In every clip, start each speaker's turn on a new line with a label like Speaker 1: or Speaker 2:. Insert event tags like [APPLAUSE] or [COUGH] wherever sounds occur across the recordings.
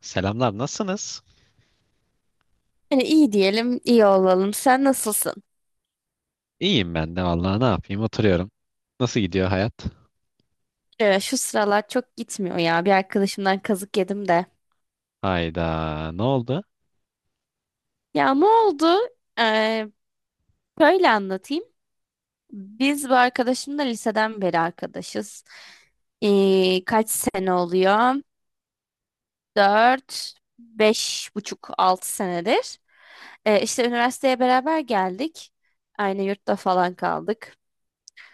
Speaker 1: Selamlar, nasılsınız?
Speaker 2: Yani iyi diyelim, iyi olalım. Sen nasılsın?
Speaker 1: İyiyim ben de vallahi ne yapayım oturuyorum. Nasıl gidiyor hayat?
Speaker 2: Şu sıralar çok gitmiyor ya. Bir arkadaşımdan kazık yedim de.
Speaker 1: Hayda, ne oldu?
Speaker 2: Ya ne oldu? Ee, böyle anlatayım. Biz bu arkadaşımla liseden beri arkadaşız. Kaç sene oluyor? 4, 5,5, 6 senedir. İşte üniversiteye beraber geldik. Aynı yurtta falan kaldık.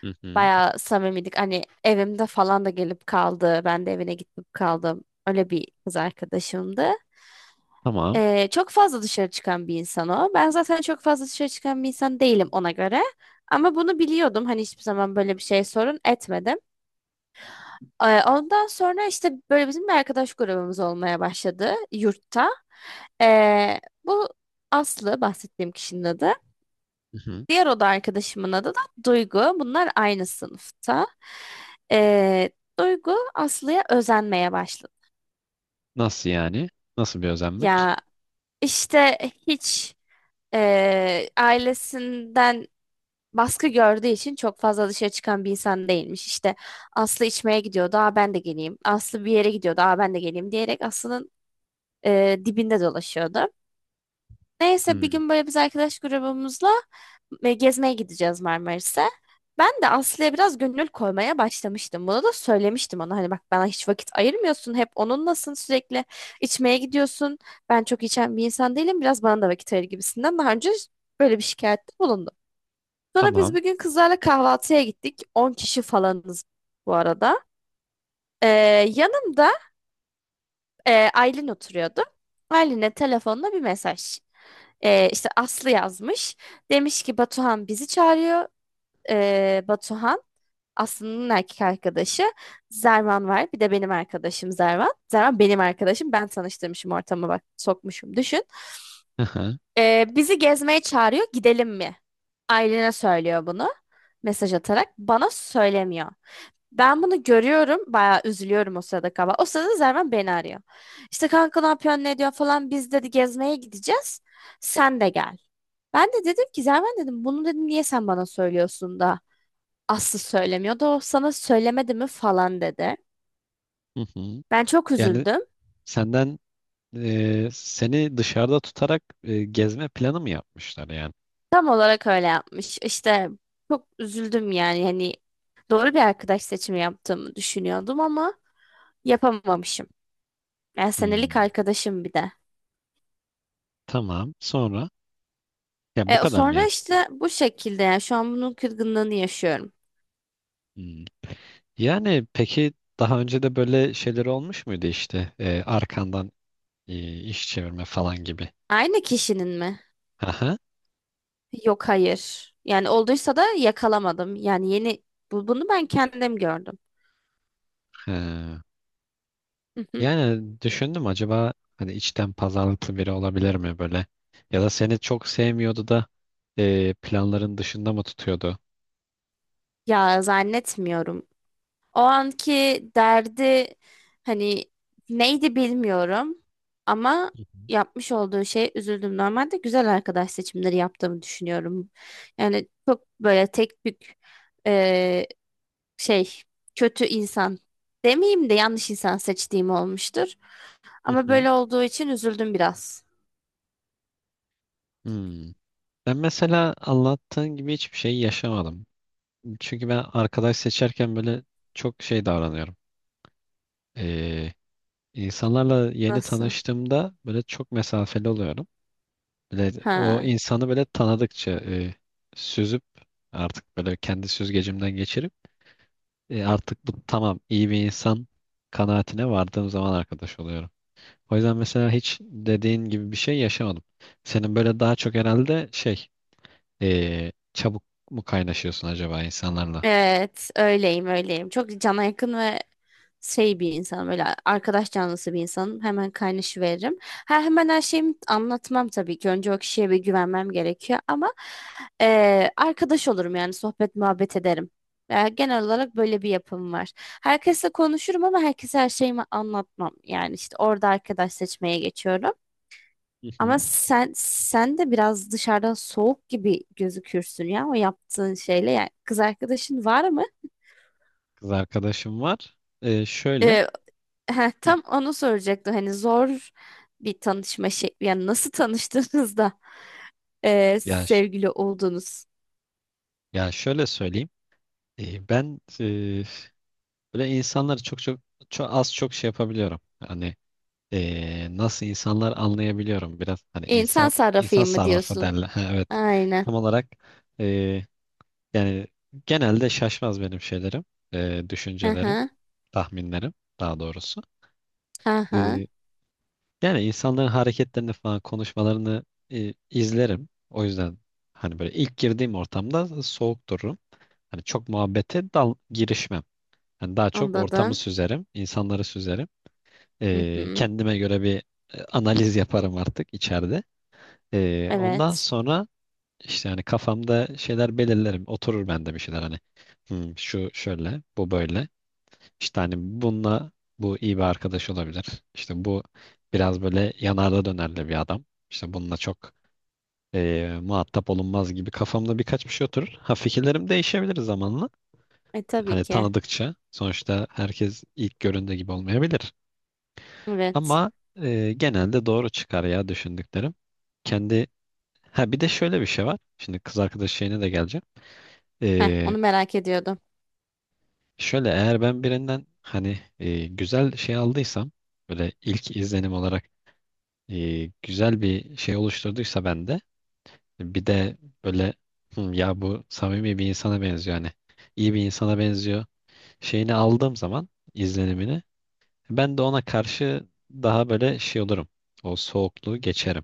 Speaker 1: Hı hı,
Speaker 2: Bayağı samimiydik. Hani evimde falan da gelip kaldı. Ben de evine gitip kaldım. Öyle bir kız arkadaşımdı.
Speaker 1: tamam.
Speaker 2: Çok fazla dışarı çıkan bir insan o. Ben zaten çok fazla dışarı çıkan bir insan değilim ona göre. Ama bunu biliyordum. Hani hiçbir zaman böyle bir şey sorun etmedim. Ondan sonra işte böyle bizim bir arkadaş grubumuz olmaya başladı yurtta. Ee, bu Aslı bahsettiğim kişinin adı.
Speaker 1: Hı hı.
Speaker 2: Diğer oda arkadaşımın adı da Duygu. Bunlar aynı sınıfta. Ee, Duygu Aslı'ya özenmeye başladı.
Speaker 1: Nasıl yani? Nasıl bir özenmek?
Speaker 2: Ya işte hiç ailesinden baskı gördüğü için çok fazla dışarı çıkan bir insan değilmiş. İşte Aslı içmeye gidiyordu, aa ben de geleyim. Aslı bir yere gidiyordu, aa ben de geleyim diyerek Aslı'nın dibinde dolaşıyordu. Neyse bir
Speaker 1: Hı,
Speaker 2: gün böyle biz arkadaş grubumuzla gezmeye gideceğiz Marmaris'e. Ben de Aslı'ya biraz gönül koymaya başlamıştım. Bunu da söylemiştim ona. Hani bak bana hiç vakit ayırmıyorsun. Hep onunlasın sürekli. İçmeye gidiyorsun. Ben çok içen bir insan değilim. Biraz bana da vakit ayır gibisinden. Daha önce böyle bir şikayette bulundum. Sonra biz
Speaker 1: tamam.
Speaker 2: bugün kızlarla kahvaltıya gittik. 10 kişi falanız bu arada. Ee, yanımda Aylin oturuyordu. Aylin'e telefonla bir mesaj. İşte Aslı yazmış. Demiş ki Batuhan bizi çağırıyor. Batuhan Aslı'nın erkek arkadaşı. Zervan var. Bir de benim arkadaşım Zervan. Zervan benim arkadaşım. Ben tanıştırmışım ortama bak sokmuşum düşün.
Speaker 1: Hı hı,
Speaker 2: Bizi gezmeye çağırıyor. Gidelim mi? Aylin'e söylüyor bunu. Mesaj atarak. Bana söylemiyor. Ben bunu görüyorum. Bayağı üzülüyorum o sırada kaba. O sırada Zervan beni arıyor. İşte kanka ne yapıyorsun ne diyor falan. Biz dedi gezmeye gideceğiz. Sen de gel. Ben de dedim ki Zerven dedim bunu dedim niye sen bana söylüyorsun da Aslı söylemiyor da o sana söylemedi mi falan dedi.
Speaker 1: hı hı.
Speaker 2: Ben çok
Speaker 1: Yani
Speaker 2: üzüldüm.
Speaker 1: senden seni dışarıda tutarak gezme planı mı yapmışlar yani?
Speaker 2: Tam olarak öyle yapmış. İşte çok üzüldüm yani hani doğru bir arkadaş seçimi yaptığımı düşünüyordum ama yapamamışım. Yani
Speaker 1: Hı,
Speaker 2: senelik arkadaşım bir de.
Speaker 1: tamam. Sonra ya bu kadar mı
Speaker 2: Sonra
Speaker 1: yani?
Speaker 2: işte bu şekilde yani şu an bunun kırgınlığını yaşıyorum.
Speaker 1: Hı. Yani peki daha önce de böyle şeyler olmuş muydu işte arkandan iş çevirme falan gibi?
Speaker 2: Aynı kişinin mi?
Speaker 1: Aha.
Speaker 2: Yok hayır. Yani olduysa da yakalamadım. Yani yeni bunu ben kendim gördüm.
Speaker 1: He.
Speaker 2: [LAUGHS]
Speaker 1: Yani düşündüm acaba hani içten pazarlıklı biri olabilir mi böyle? Ya da seni çok sevmiyordu da planların dışında mı tutuyordu?
Speaker 2: Ya zannetmiyorum. O anki derdi hani neydi bilmiyorum ama
Speaker 1: Hı hı.
Speaker 2: yapmış olduğu şey üzüldüm. Normalde güzel arkadaş seçimleri yaptığımı düşünüyorum. Yani çok böyle tek tük eee, şey kötü insan demeyeyim de yanlış insan seçtiğim olmuştur.
Speaker 1: Hı
Speaker 2: Ama
Speaker 1: hı.
Speaker 2: böyle olduğu için üzüldüm biraz.
Speaker 1: Hmm. Ben mesela anlattığın gibi hiçbir şey yaşamadım. Çünkü ben arkadaş seçerken böyle çok şey davranıyorum. Ee, insanlarla yeni
Speaker 2: Nasıl?
Speaker 1: tanıştığımda böyle çok mesafeli oluyorum. Böyle o
Speaker 2: Ha.
Speaker 1: insanı böyle tanıdıkça süzüp artık böyle kendi süzgecimden geçirip, artık bu tamam, iyi bir insan kanaatine vardığım zaman arkadaş oluyorum. O yüzden mesela hiç dediğin gibi bir şey yaşamadım. Senin böyle daha çok herhalde şey çabuk mu kaynaşıyorsun acaba insanlarla?
Speaker 2: Evet, öyleyim, öyleyim. Çok cana yakın ve şey bir insanım öyle arkadaş canlısı bir insanım hemen kaynaşıveririm. Ha, hemen her şeyimi anlatmam tabii ki önce o kişiye bir güvenmem gerekiyor ama arkadaş olurum yani sohbet muhabbet ederim. Yani genel olarak böyle bir yapım var. Herkesle konuşurum ama herkese her şeyimi anlatmam. Yani işte orada arkadaş seçmeye geçiyorum.
Speaker 1: Hı
Speaker 2: Ama
Speaker 1: hı.
Speaker 2: sen de biraz dışarıdan soğuk gibi gözükürsün ya o yaptığın şeyle. Yani kız arkadaşın var mı?
Speaker 1: Kız arkadaşım var. E, şöyle.
Speaker 2: Ee, Heh,
Speaker 1: Hı.
Speaker 2: tam onu soracaktım. Hani zor bir tanışma şekli. Yani nasıl tanıştınız da
Speaker 1: Ya
Speaker 2: sevgili oldunuz?
Speaker 1: Ya şöyle söyleyeyim. Ben böyle insanları çok çok çok az çok şey yapabiliyorum. Hani nasıl insanlar anlayabiliyorum biraz. Hani
Speaker 2: İnsan
Speaker 1: insan
Speaker 2: sarrafıyım mı
Speaker 1: sarrafı
Speaker 2: diyorsun?
Speaker 1: derler. [LAUGHS] Ha, evet.
Speaker 2: Aynen.
Speaker 1: Tam olarak e, yani genelde şaşmaz benim şeylerim,
Speaker 2: Hı
Speaker 1: düşüncelerim,
Speaker 2: hı.
Speaker 1: tahminlerim daha doğrusu.
Speaker 2: Hı hı.
Speaker 1: E, Yani insanların hareketlerini falan konuşmalarını izlerim. O yüzden hani böyle ilk girdiğim ortamda soğuk dururum. Hani çok muhabbete dal girişmem. Yani daha çok ortamı
Speaker 2: Anladım.
Speaker 1: süzerim, insanları süzerim.
Speaker 2: Hı hı.
Speaker 1: Kendime göre bir analiz yaparım artık içeride. Ondan
Speaker 2: Evet.
Speaker 1: sonra işte hani kafamda şeyler belirlerim. Oturur bende bir şeyler hani. "Hmm, şu şöyle, bu böyle. İşte hani bununla bu iyi bir arkadaş olabilir. İşte bu biraz böyle yanarda dönerli bir adam. İşte bununla çok muhatap olunmaz" gibi kafamda birkaç bir şey oturur. Ha, fikirlerim değişebilir zamanla.
Speaker 2: E tabii
Speaker 1: Hani
Speaker 2: ki.
Speaker 1: tanıdıkça sonuçta herkes ilk göründüğü gibi olmayabilir.
Speaker 2: Evet.
Speaker 1: Ama genelde doğru çıkar ya düşündüklerim. Kendi, ha bir de şöyle bir şey var. Şimdi kız arkadaş şeyine de geleceğim.
Speaker 2: Heh,
Speaker 1: E,
Speaker 2: onu merak ediyordum.
Speaker 1: Şöyle, eğer ben birinden hani güzel şey aldıysam, böyle ilk izlenim olarak güzel bir şey oluşturduysa bende, bir de böyle "Hı, ya bu samimi bir insana benziyor, hani iyi bir insana benziyor" şeyini aldığım zaman, izlenimini, ben de ona karşı daha böyle şey olurum. O soğukluğu geçerim.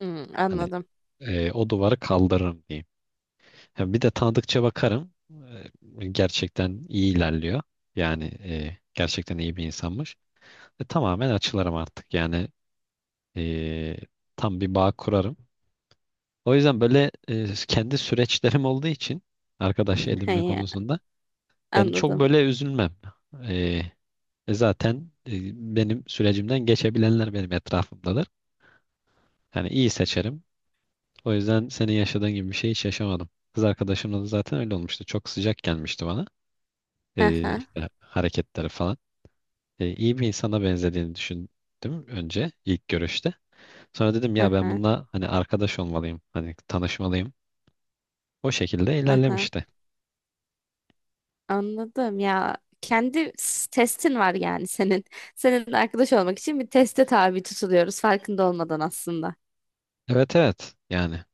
Speaker 2: Hmm,
Speaker 1: Hani
Speaker 2: anladım.
Speaker 1: o duvarı kaldırırım diyeyim. Ha, bir de tanıdıkça bakarım. E, gerçekten iyi ilerliyor. Yani gerçekten iyi bir insanmış. E, tamamen açılırım artık. Yani e, tam bir bağ kurarım. O yüzden böyle kendi süreçlerim olduğu için arkadaş edinme
Speaker 2: He,
Speaker 1: konusunda yani çok
Speaker 2: anladım.
Speaker 1: böyle üzülmem. E, zaten benim sürecimden geçebilenler benim etrafımdadır. Yani iyi seçerim. O yüzden senin yaşadığın gibi bir şey hiç yaşamadım. Kız arkadaşımla da zaten öyle olmuştu. Çok sıcak gelmişti bana.
Speaker 2: Hı hı.
Speaker 1: İşte hareketleri falan. İyi bir insana benzediğini düşündüm önce ilk görüşte. Sonra dedim ya,
Speaker 2: Hı
Speaker 1: ben
Speaker 2: hı.
Speaker 1: bununla hani arkadaş olmalıyım. Hani tanışmalıyım. O şekilde
Speaker 2: Hı hı.
Speaker 1: ilerlemişti.
Speaker 2: Anladım ya. Kendi testin var yani senin. Senin arkadaş olmak için bir teste tabi tutuluyoruz farkında olmadan aslında.
Speaker 1: Evet evet, yani.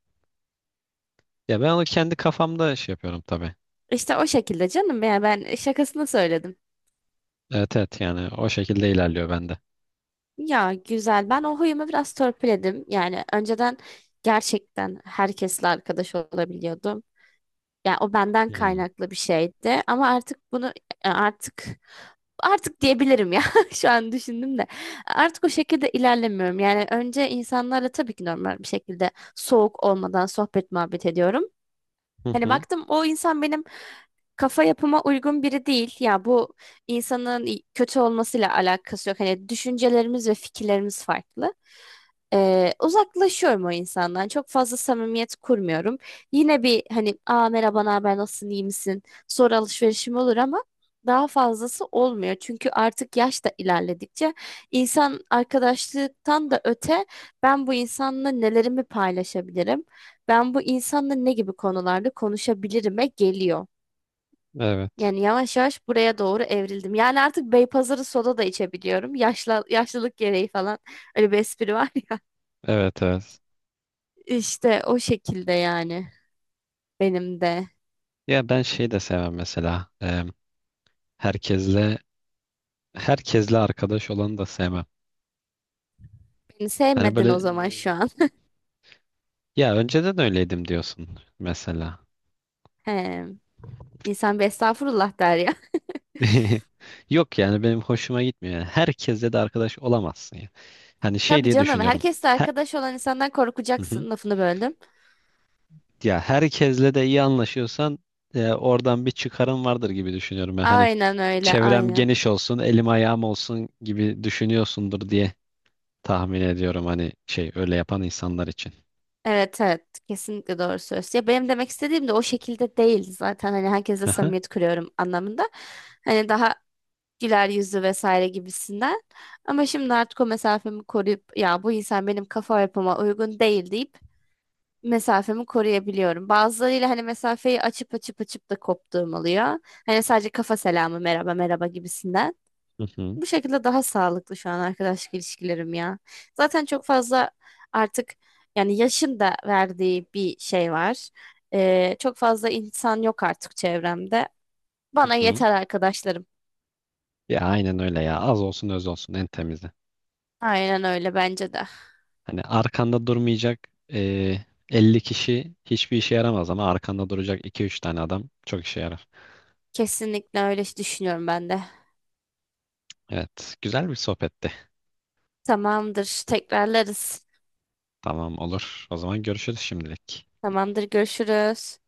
Speaker 1: Ya ben onu kendi kafamda şey yapıyorum tabii.
Speaker 2: İşte o şekilde canım ya ben şakasını söyledim.
Speaker 1: Evet evet, yani o şekilde ilerliyor bende.
Speaker 2: Ya güzel ben o huyumu biraz törpüledim. Yani önceden gerçekten herkesle arkadaş olabiliyordum. Yani o benden
Speaker 1: Hmm.
Speaker 2: kaynaklı bir şeydi ama artık bunu e, artık artık diyebilirim ya [LAUGHS] şu an düşündüm de artık o şekilde ilerlemiyorum. Yani önce insanlarla tabii ki normal bir şekilde soğuk olmadan sohbet muhabbet ediyorum.
Speaker 1: Hı
Speaker 2: Hani
Speaker 1: hı.
Speaker 2: baktım o insan benim kafa yapıma uygun biri değil. Ya bu insanın kötü olmasıyla alakası yok. Hani düşüncelerimiz ve fikirlerimiz farklı. Uzaklaşıyorum o insandan. Çok fazla samimiyet kurmuyorum. Yine bir hani aa merhaba ne haber nasılsın iyi misin? Sonra alışverişim olur ama daha fazlası olmuyor. Çünkü artık yaş da ilerledikçe insan arkadaşlıktan da öte ben bu insanla nelerimi paylaşabilirim? Ben bu insanla ne gibi konularda konuşabilirime geliyor.
Speaker 1: Evet.
Speaker 2: Yani yavaş yavaş buraya doğru evrildim. Yani artık Beypazarı soda da içebiliyorum. Yaşla, yaşlılık gereği falan öyle bir espri var.
Speaker 1: Evet evet.
Speaker 2: İşte o şekilde yani benim de.
Speaker 1: Ya ben şey de sevmem mesela. Herkesle herkesle arkadaş olanı da sevmem.
Speaker 2: Beni
Speaker 1: Hani
Speaker 2: sevmedin o
Speaker 1: böyle
Speaker 2: zaman şu an.
Speaker 1: ya önceden öyleydim diyorsun mesela.
Speaker 2: [LAUGHS] He. İnsan bir estağfurullah der ya.
Speaker 1: [LAUGHS] Yok yani benim hoşuma gitmiyor. Yani herkesle de arkadaş olamazsın ya. Hani
Speaker 2: [LAUGHS]
Speaker 1: şey
Speaker 2: Tabii
Speaker 1: diye
Speaker 2: canım
Speaker 1: düşünüyorum.
Speaker 2: herkesle
Speaker 1: He-
Speaker 2: arkadaş olan insandan
Speaker 1: hı hı.
Speaker 2: korkacaksın lafını böldüm.
Speaker 1: Ya herkesle de iyi anlaşıyorsan oradan bir çıkarım vardır gibi düşünüyorum. Yani hani
Speaker 2: Aynen öyle
Speaker 1: çevrem
Speaker 2: aynen.
Speaker 1: geniş olsun, elim ayağım olsun gibi düşünüyorsundur diye tahmin ediyorum, hani şey, öyle yapan insanlar için.
Speaker 2: Evet evet kesinlikle doğru söz. Ya benim demek istediğim de o şekilde değil zaten hani herkesle
Speaker 1: Hı hı.
Speaker 2: samimiyet kuruyorum anlamında. Hani daha güler yüzlü vesaire gibisinden. Ama şimdi artık o mesafemi koruyup ya bu insan benim kafa yapıma uygun değil deyip mesafemi koruyabiliyorum. Bazılarıyla hani mesafeyi açıp açıp açıp da koptuğum oluyor. Hani sadece kafa selamı merhaba merhaba gibisinden.
Speaker 1: Hı hı.
Speaker 2: Bu şekilde daha sağlıklı şu an arkadaşlık ilişkilerim ya. Zaten çok fazla artık yani yaşın da verdiği bir şey var. Çok fazla insan yok artık çevremde.
Speaker 1: Hı
Speaker 2: Bana
Speaker 1: hı.
Speaker 2: yeter arkadaşlarım.
Speaker 1: Ya aynen öyle ya. Az olsun öz olsun en temizi.
Speaker 2: Aynen öyle bence de.
Speaker 1: Hani arkanda durmayacak eee 50 kişi hiçbir işe yaramaz ama arkanda duracak iki üç tane adam çok işe yarar.
Speaker 2: Kesinlikle öyle düşünüyorum ben de.
Speaker 1: Evet, güzel bir sohbetti.
Speaker 2: Tamamdır, tekrarlarız.
Speaker 1: Tamam, olur. O zaman görüşürüz şimdilik.
Speaker 2: Tamamdır, görüşürüz.